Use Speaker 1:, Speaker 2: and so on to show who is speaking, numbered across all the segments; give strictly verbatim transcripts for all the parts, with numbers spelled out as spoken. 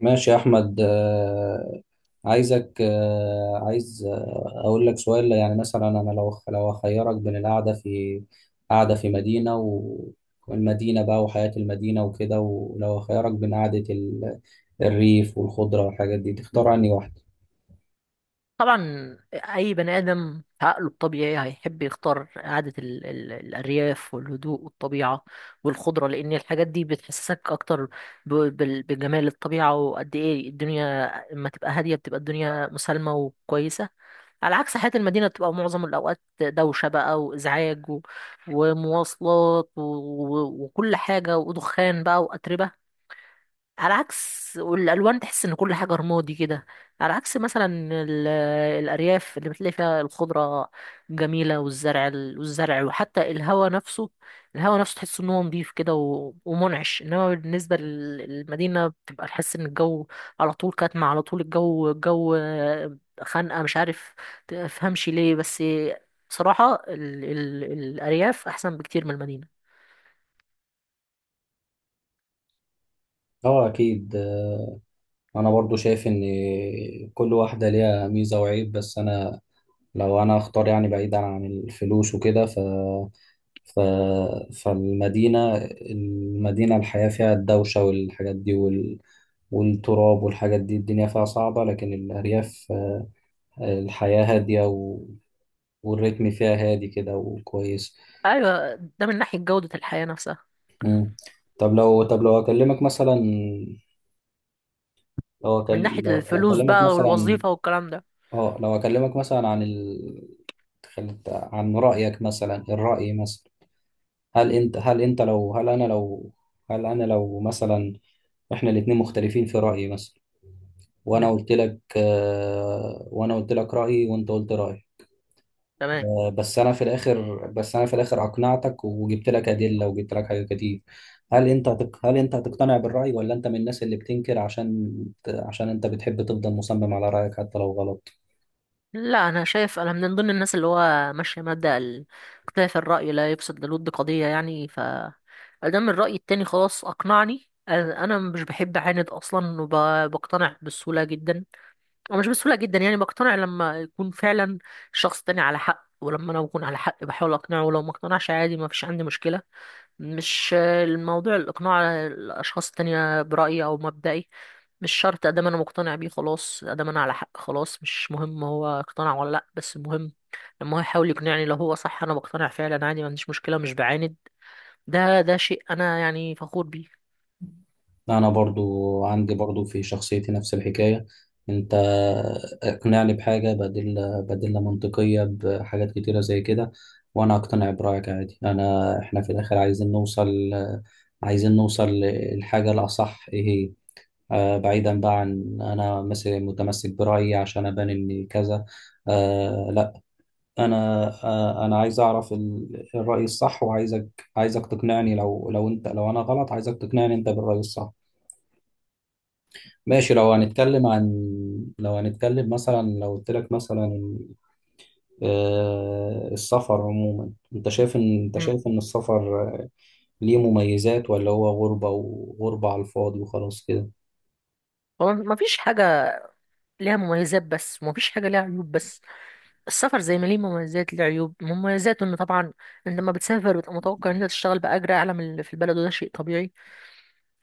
Speaker 1: ماشي يا أحمد آه، عايزك آه، عايز آه، أقول لك سؤال. يعني مثلا أنا لو لو أخيرك بين القعدة في قعدة في مدينة و- والمدينة بقى وحياة المدينة وكده، ولو أخيرك بين قعدة ال- الريف والخضرة والحاجات دي، تختار أنهي واحدة؟
Speaker 2: طبعا، اي بني ادم عقله الطبيعي هيحب يختار قعده ال ال الارياف والهدوء والطبيعه والخضره، لان الحاجات دي بتحسسك اكتر ب- بال- بجمال الطبيعه، وقد ايه الدنيا لما تبقى هاديه بتبقى الدنيا مسالمه وكويسه، على عكس حياه المدينه بتبقى معظم الاوقات دوشه بقى وازعاج و- ومواصلات و- و- وكل حاجه ودخان بقى واتربه. على عكس، والالوان تحس ان كل حاجه رمادي كده، على عكس مثلا ال- الارياف اللي بتلاقي فيها الخضره جميله والزرع والزرع، وحتى الهواء نفسه، الهواء نفسه تحس ان هو نضيف كده و- ومنعش، انما بالنسبه لل- للمدينه بتبقى تحس ان الجو على طول كاتمه، على طول الجو الجو خانقه، مش عارف تفهمش ليه. بس بصراحه ال ال الارياف احسن بكتير من المدينه.
Speaker 1: أه أكيد. آه، أنا برضو شايف إن كل واحدة ليها ميزة وعيب، بس أنا لو أنا أختار يعني بعيدا عن الفلوس وكده. ف ف... فالمدينة المدينة الحياة فيها الدوشة والحاجات دي وال... والتراب والحاجات دي، الدنيا فيها صعبة، لكن الأرياف آه، الحياة هادية و... والريتم فيها هادي كده وكويس.
Speaker 2: ايوه، ده من ناحيه جوده الحياه نفسها.
Speaker 1: مم. طب لو طب لو أكلمك مثلا، لو
Speaker 2: من
Speaker 1: أكل...
Speaker 2: ناحية
Speaker 1: لو... لو
Speaker 2: الفلوس
Speaker 1: أكلمك
Speaker 2: بقى
Speaker 1: مثلا
Speaker 2: والوظيفة والكلام ده.
Speaker 1: اه لو أكلمك مثلا عن ال... خلت- عن رأيك مثلا، الرأي مثلا. هل انت هل انت لو هل انا لو هل انا لو مثلا احنا الاتنين مختلفين في رأيي مثلا، وانا
Speaker 2: مم.
Speaker 1: قلت لك آه، وانا قلت لك رأيي وانت قلت رأيي.
Speaker 2: تمام.
Speaker 1: آه، بس انا في الاخر بس انا في الاخر اقنعتك وجبت لك أدلة وجبت لك حاجات كتير. هل انت هتق... هل انت هتقتنع بالرأي ولا انت من الناس اللي بتنكر عشان عشان انت بتحب تفضل مصمم على رأيك حتى لو غلط؟
Speaker 2: لا، أنا شايف أنا من ضمن الناس اللي هو ماشية مبدأ ال- اختلاف الرأي لا يفسد للود قضية، يعني ف أدام الرأي التاني خلاص أقنعني، أنا أنا مش بحب أعاند أصلا، وبقتنع بسهولة جدا، أو مش بسهولة جدا يعني بقتنع لما يكون فعلا الشخص التاني على حق، ولما أنا بكون على حق بحاول أقنعه، ولو ما اقتنعش عادي ما فيش عندي مشكلة. مش الموضوع الإقناع الأشخاص التانية برأيي أو مبدئي، مش شرط ادام انا مقتنع بيه خلاص، ادام انا على حق خلاص مش مهم هو اقتنع ولا لا، بس المهم لما هو يحاول يقنعني لو هو صح انا بقتنع فعلا عادي، ما عنديش مشكله، مش بعاند. ده ده شيء انا يعني فخور بيه.
Speaker 1: انا برضو عندي برضو في شخصيتي نفس الحكاية. انت اقنعني بحاجة بديل بديلة منطقية بحاجات كتيرة زي كده، وانا اقتنع برأيك عادي. انا احنا في الاخر عايزين نوصل عايزين نوصل للحاجة الاصح ايه هي. آه، بعيدا بقى عن انا مثلا متمسك برأيي عشان ابان ان كذا، آه لا. انا آه انا عايز اعرف ال- الرأي الصح، وعايزك عايزك تقنعني. لو لو انت لو انا غلط عايزك تقنعني انت بالرأي الصح. ماشي، لو هنتكلم عن لو هنتكلم مثلا لو قلت لك مثلا، آه، السفر عموما انت شايف ان انت
Speaker 2: مم.
Speaker 1: شايف ان السفر ليه مميزات ولا هو غربة وغربة على الفاضي وخلاص كده؟
Speaker 2: هو مفيش حاجه ليها مميزات بس، ومفيش حاجه ليها عيوب بس، السفر زي ما ليه مميزات ليه عيوب. مميزاته ان طبعا انت لما بتسافر بتبقى متوقع ان انت تشتغل باجر اعلى من اللي في البلد، وده شيء طبيعي.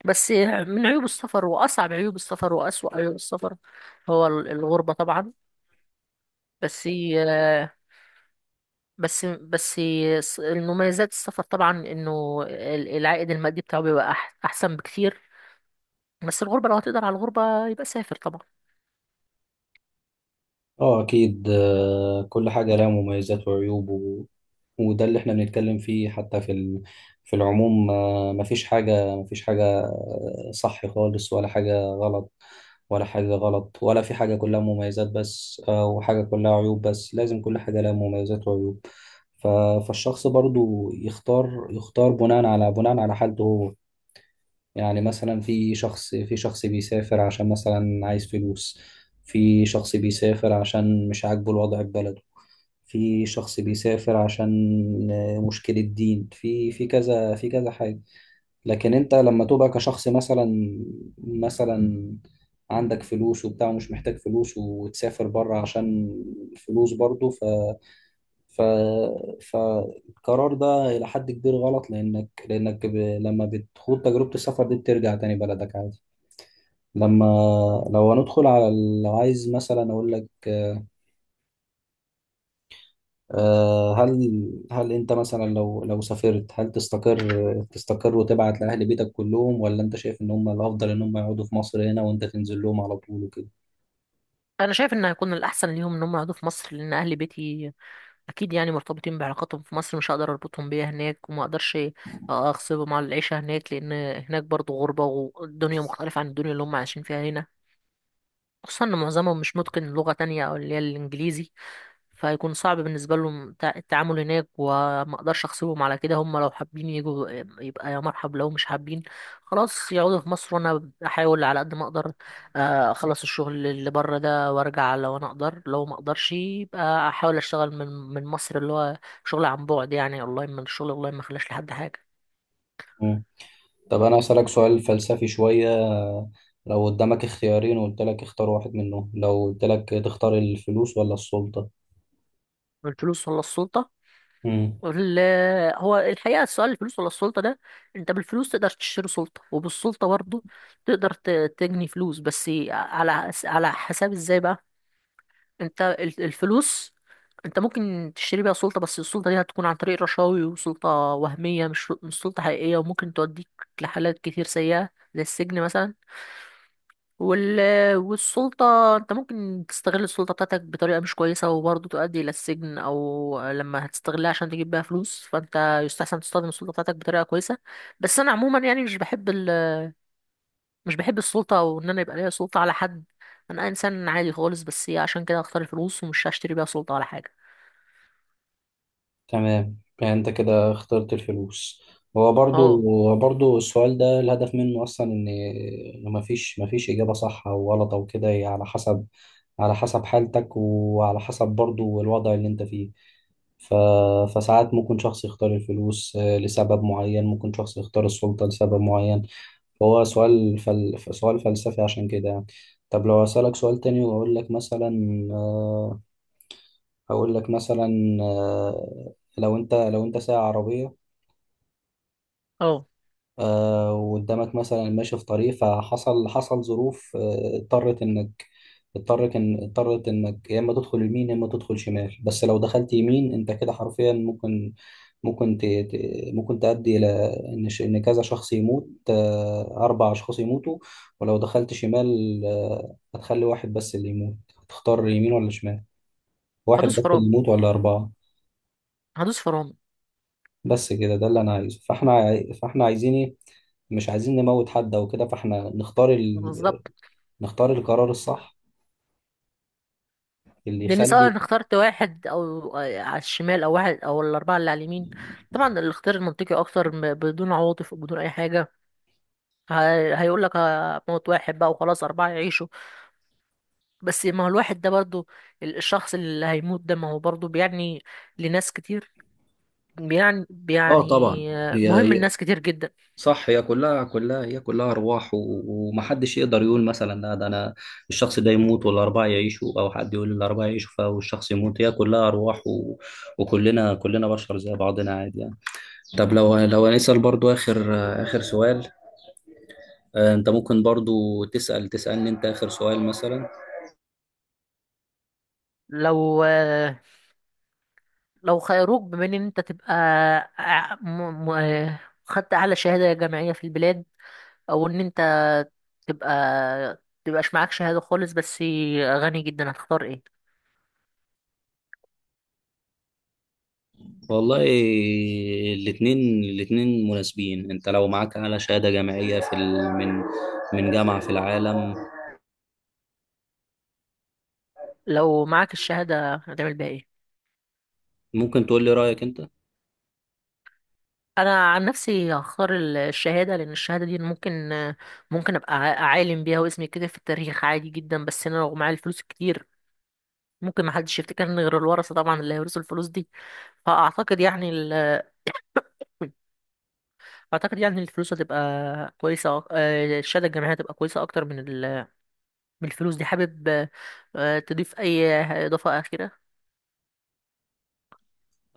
Speaker 2: بس من عيوب السفر، واصعب عيوب السفر، واسوأ عيوب السفر هو ال- الغربه طبعا. بس آه، بس بس الس- المميزات السفر طبعا انه ال- العائد المادي بتاعه بيبقى أح احسن بكتير. بس الغربة، لو هتقدر على الغربة يبقى سافر طبعا.
Speaker 1: اه اكيد. آه، كل حاجه لها مميزات وعيوب و... وده اللي احنا بنتكلم فيه حتى في ال... في العموم. آه، مفيش حاجه مفيش حاجه آه، صح خالص ولا حاجه غلط، ولا حاجه غلط ولا في حاجه كلها مميزات بس، آه، وحاجه كلها عيوب بس، لازم كل حاجه لها مميزات وعيوب. ف... فالشخص برضو يختار يختار بناء على بناء على حالته هو. يعني مثلا في شخص في شخص بيسافر عشان مثلا عايز فلوس، في شخص بيسافر عشان مش عاجبه الوضع في بلده، في شخص بيسافر عشان آه، مشكلة دين في في كذا في كذا حاجة. لكن انت لما تبقى كشخص مثلا، مثلا عندك فلوس وبتاع ومش محتاج فلوس وتسافر بره عشان فلوس برضه. ف... فالقرار ده إلى حد كبير غلط، لأنك لأنك ب... لما بتخوض تجربة السفر دي بترجع تاني بلدك عادي. لما لو هندخل على ال- لو عايز مثلا أقول لك، آه، هل هل أنت مثلا لو لو سافرت هل تستقر، تستقر وتبعت لأهل بيتك كلهم، ولا أنت شايف إن هم الأفضل إن هم يقعدوا في مصر هنا وأنت تنزل لهم على طول وكده؟
Speaker 2: انا شايف ان هيكون الاحسن ليهم ان هم يقعدوا في مصر، لان اهل بيتي اكيد يعني مرتبطين بعلاقاتهم في مصر، مش هقدر اربطهم بيها هناك، وما اقدرش اغصبهم على العيشة هناك، لان هناك برضو غربة، والدنيا مختلفة عن الدنيا اللي هم عايشين فيها هنا، خصوصا ان معظمهم مش متقن لغة تانية او اللي هي الانجليزي، فهيكون صعب بالنسبة لهم تع- التعامل هناك، وما اقدرش اغصبهم على كده. هم لو حابين يجوا آه، يبقى يا مرحب، لو مش حابين خلاص يقعدوا في مصر، وانا احاول على قد ما اقدر آه، اخلص الشغل اللي بره ده وارجع، لو انا اقدر. لو ما اقدرش يبقى احاول اشتغل من من مصر، اللي هو شغل عن بعد يعني اونلاين، من الشغل اونلاين ما خلاش لحد حاجة.
Speaker 1: مم. طب أنا أسألك سؤال فلسفي شوية، لو قدامك اختيارين وقلت لك اختار واحد منهم، لو قلت لك تختار الفلوس ولا السلطة؟
Speaker 2: الفلوس ولا السلطة.
Speaker 1: مم.
Speaker 2: ال- هو الحقيقة السؤال الفلوس ولا السلطة ده، انت بالفلوس تقدر تشتري سلطة، وبالسلطة برضه تقدر ت- تجني فلوس، بس على على حساب ازاي بقى. انت ال- الفلوس، انت ممكن تشتري بيها سلطة، بس السلطة دي هتكون عن طريق رشاوي وسلطة وهمية، مش مش سلطة حقيقية، وممكن توديك لحالات كتير سيئة زي السجن مثلا. وال... والسلطة انت ممكن تستغل السلطة بتاعتك بطريقة مش كويسة، وبرضه تؤدي إلى السجن، أو لما هتستغلها عشان تجيب بيها فلوس، فانت يستحسن تستخدم السلطة بتاعتك بطريقة كويسة. بس أنا عموما يعني مش بحب ال... مش بحب السلطة، أو إن أنا يبقى ليا سلطة على حد. أنا إنسان عادي خالص، بس هي عشان كده هختار الفلوس، ومش هشتري بيها سلطة على حاجة.
Speaker 1: تمام، يعني انت كده اخترت الفلوس. هو برضو
Speaker 2: اه،
Speaker 1: برضو السؤال ده الهدف منه اصلا ان إن مفيش مفيش اجابة صح او غلط او كده، هي على حسب، على حسب حالتك وعلى حسب برضو الوضع اللي انت فيه. ف... فساعات ممكن شخص يختار الفلوس آه، لسبب معين، ممكن شخص يختار السلطة لسبب معين، فهو سؤال فل... سؤال فلسفي عشان كده يعني. طب لو أسألك سؤال تاني وأقول لك مثلا، آه، هقول لك مثلا، آه، لو انت لو انت سايق عربيه،
Speaker 2: اه.
Speaker 1: آه، وقدامك مثلا ماشي في طريق، فحصل حصل ظروف آه، اضطرت انك اضطرت ان اضطرت انك يا اما تدخل يمين يا اما تدخل شمال. بس لو دخلت يمين انت كده حرفيا ممكن ممكن ت... ت- ممكن تؤدي الى ان ش... ان كذا شخص يموت، آه، اربع اشخاص يموتوا، ولو دخلت شمال آه، هتخلي واحد بس اللي يموت. تختار يمين ولا شمال؟ واحد
Speaker 2: هدوس
Speaker 1: بس اللي
Speaker 2: فرامل،
Speaker 1: يموت ولا اربعه؟
Speaker 2: هدوس فرامل.
Speaker 1: بس كده ده اللي انا عايزه، فاحنا عاي- فاحنا عايزين ايه؟ مش عايزين نموت حد او كده، فاحنا نختار ال...
Speaker 2: بالظبط.
Speaker 1: نختار القرار الصح اللي
Speaker 2: لان سواء
Speaker 1: يخلي.
Speaker 2: انا اخترت واحد او على الشمال، او واحد او الاربعه اللي على اليمين، طبعا الاختيار المنطقي اكتر م- بدون عواطف وبدون اي حاجه، ه- هيقول لك موت واحد بقى وخلاص، اربعه يعيشوا. بس ما هو الواحد ده برضو، ال- الشخص اللي هيموت ده، ما هو برضو بيعني لناس كتير، بيعني
Speaker 1: اه
Speaker 2: بيعني
Speaker 1: طبعا. هي
Speaker 2: مهم
Speaker 1: هي-
Speaker 2: لناس كتير جدا.
Speaker 1: صح، هي كلها كلها هي كلها ارواح، و- ومحدش يقدر يقول مثلا لا، ده انا الشخص ده يموت والاربعه يعيشوا، او حد يقول الاربعه يعيشوا فالشخص يموت، هي كلها ارواح و... وكلنا كلنا بشر زي بعضنا عادي يعني. طب لو لو هنسال برضو اخر، اخر سؤال. آه، انت ممكن برضو تسال تسالني انت اخر سؤال مثلا.
Speaker 2: لو لو خيروك بما ان انت تبقى ع- م- م- خدت اعلى شهاده جامعيه في البلاد، او ان انت تبقى تبقاش معاك شهادة خالص بس غني جدا، هتختار ايه؟
Speaker 1: والله الاثنين الاثنين مناسبين. انت لو معاك اعلى شهادة جامعية في ال... من من جامعة في العالم،
Speaker 2: لو معاك الشهادة هتعمل بيها ايه؟
Speaker 1: ممكن تقول لي رأيك انت.
Speaker 2: انا عن نفسي هختار ال- الشهادة، لان الشهادة دي ممكن، ممكن ابقى ع- عالم بيها، واسمي كده في التاريخ عادي جدا. بس انا لو معايا الفلوس الكتير، ممكن محدش يفتكرني غير الورثة طبعا اللي هيورثوا الفلوس دي. فاعتقد يعني ال... اعتقد يعني الفلوس هتبقى كويسة، أك- آه، الشهادة الجامعية هتبقى كويسة اكتر من ال... من الفلوس دي. حابب آه، تضيف اي اضافة اخيرة؟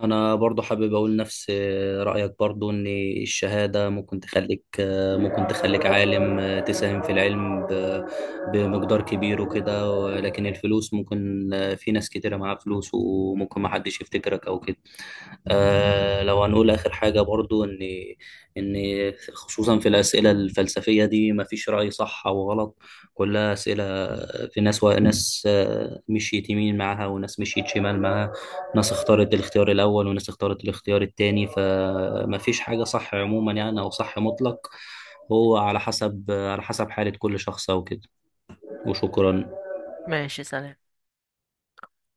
Speaker 1: انا برضو حابب اقول نفس رأيك برضو، ان الشهادة ممكن تخليك، ممكن تخليك عالم تساهم في العلم ب... بمقدار كبير وكده، ولكن الفلوس ممكن في ناس كتيرة معاها فلوس وممكن ما حدش يفتكرك او كده. آه لو هنقول آخر حاجة برضو إن إن خصوصا في الأسئلة الفلسفية دي مفيش رأي صح أو غلط، كلها أسئلة. في ناس وناس آه، مشيت يمين معاها، وناس مشيت شمال معاها، ناس اختارت الاختيار الأول وناس اختارت الاختيار التاني، فمفيش حاجة صح عموما يعني، أو صح مطلق. هو على حسب، على حسب حالة كل شخص أو كده. وشكرا.
Speaker 2: ماشي، سلام.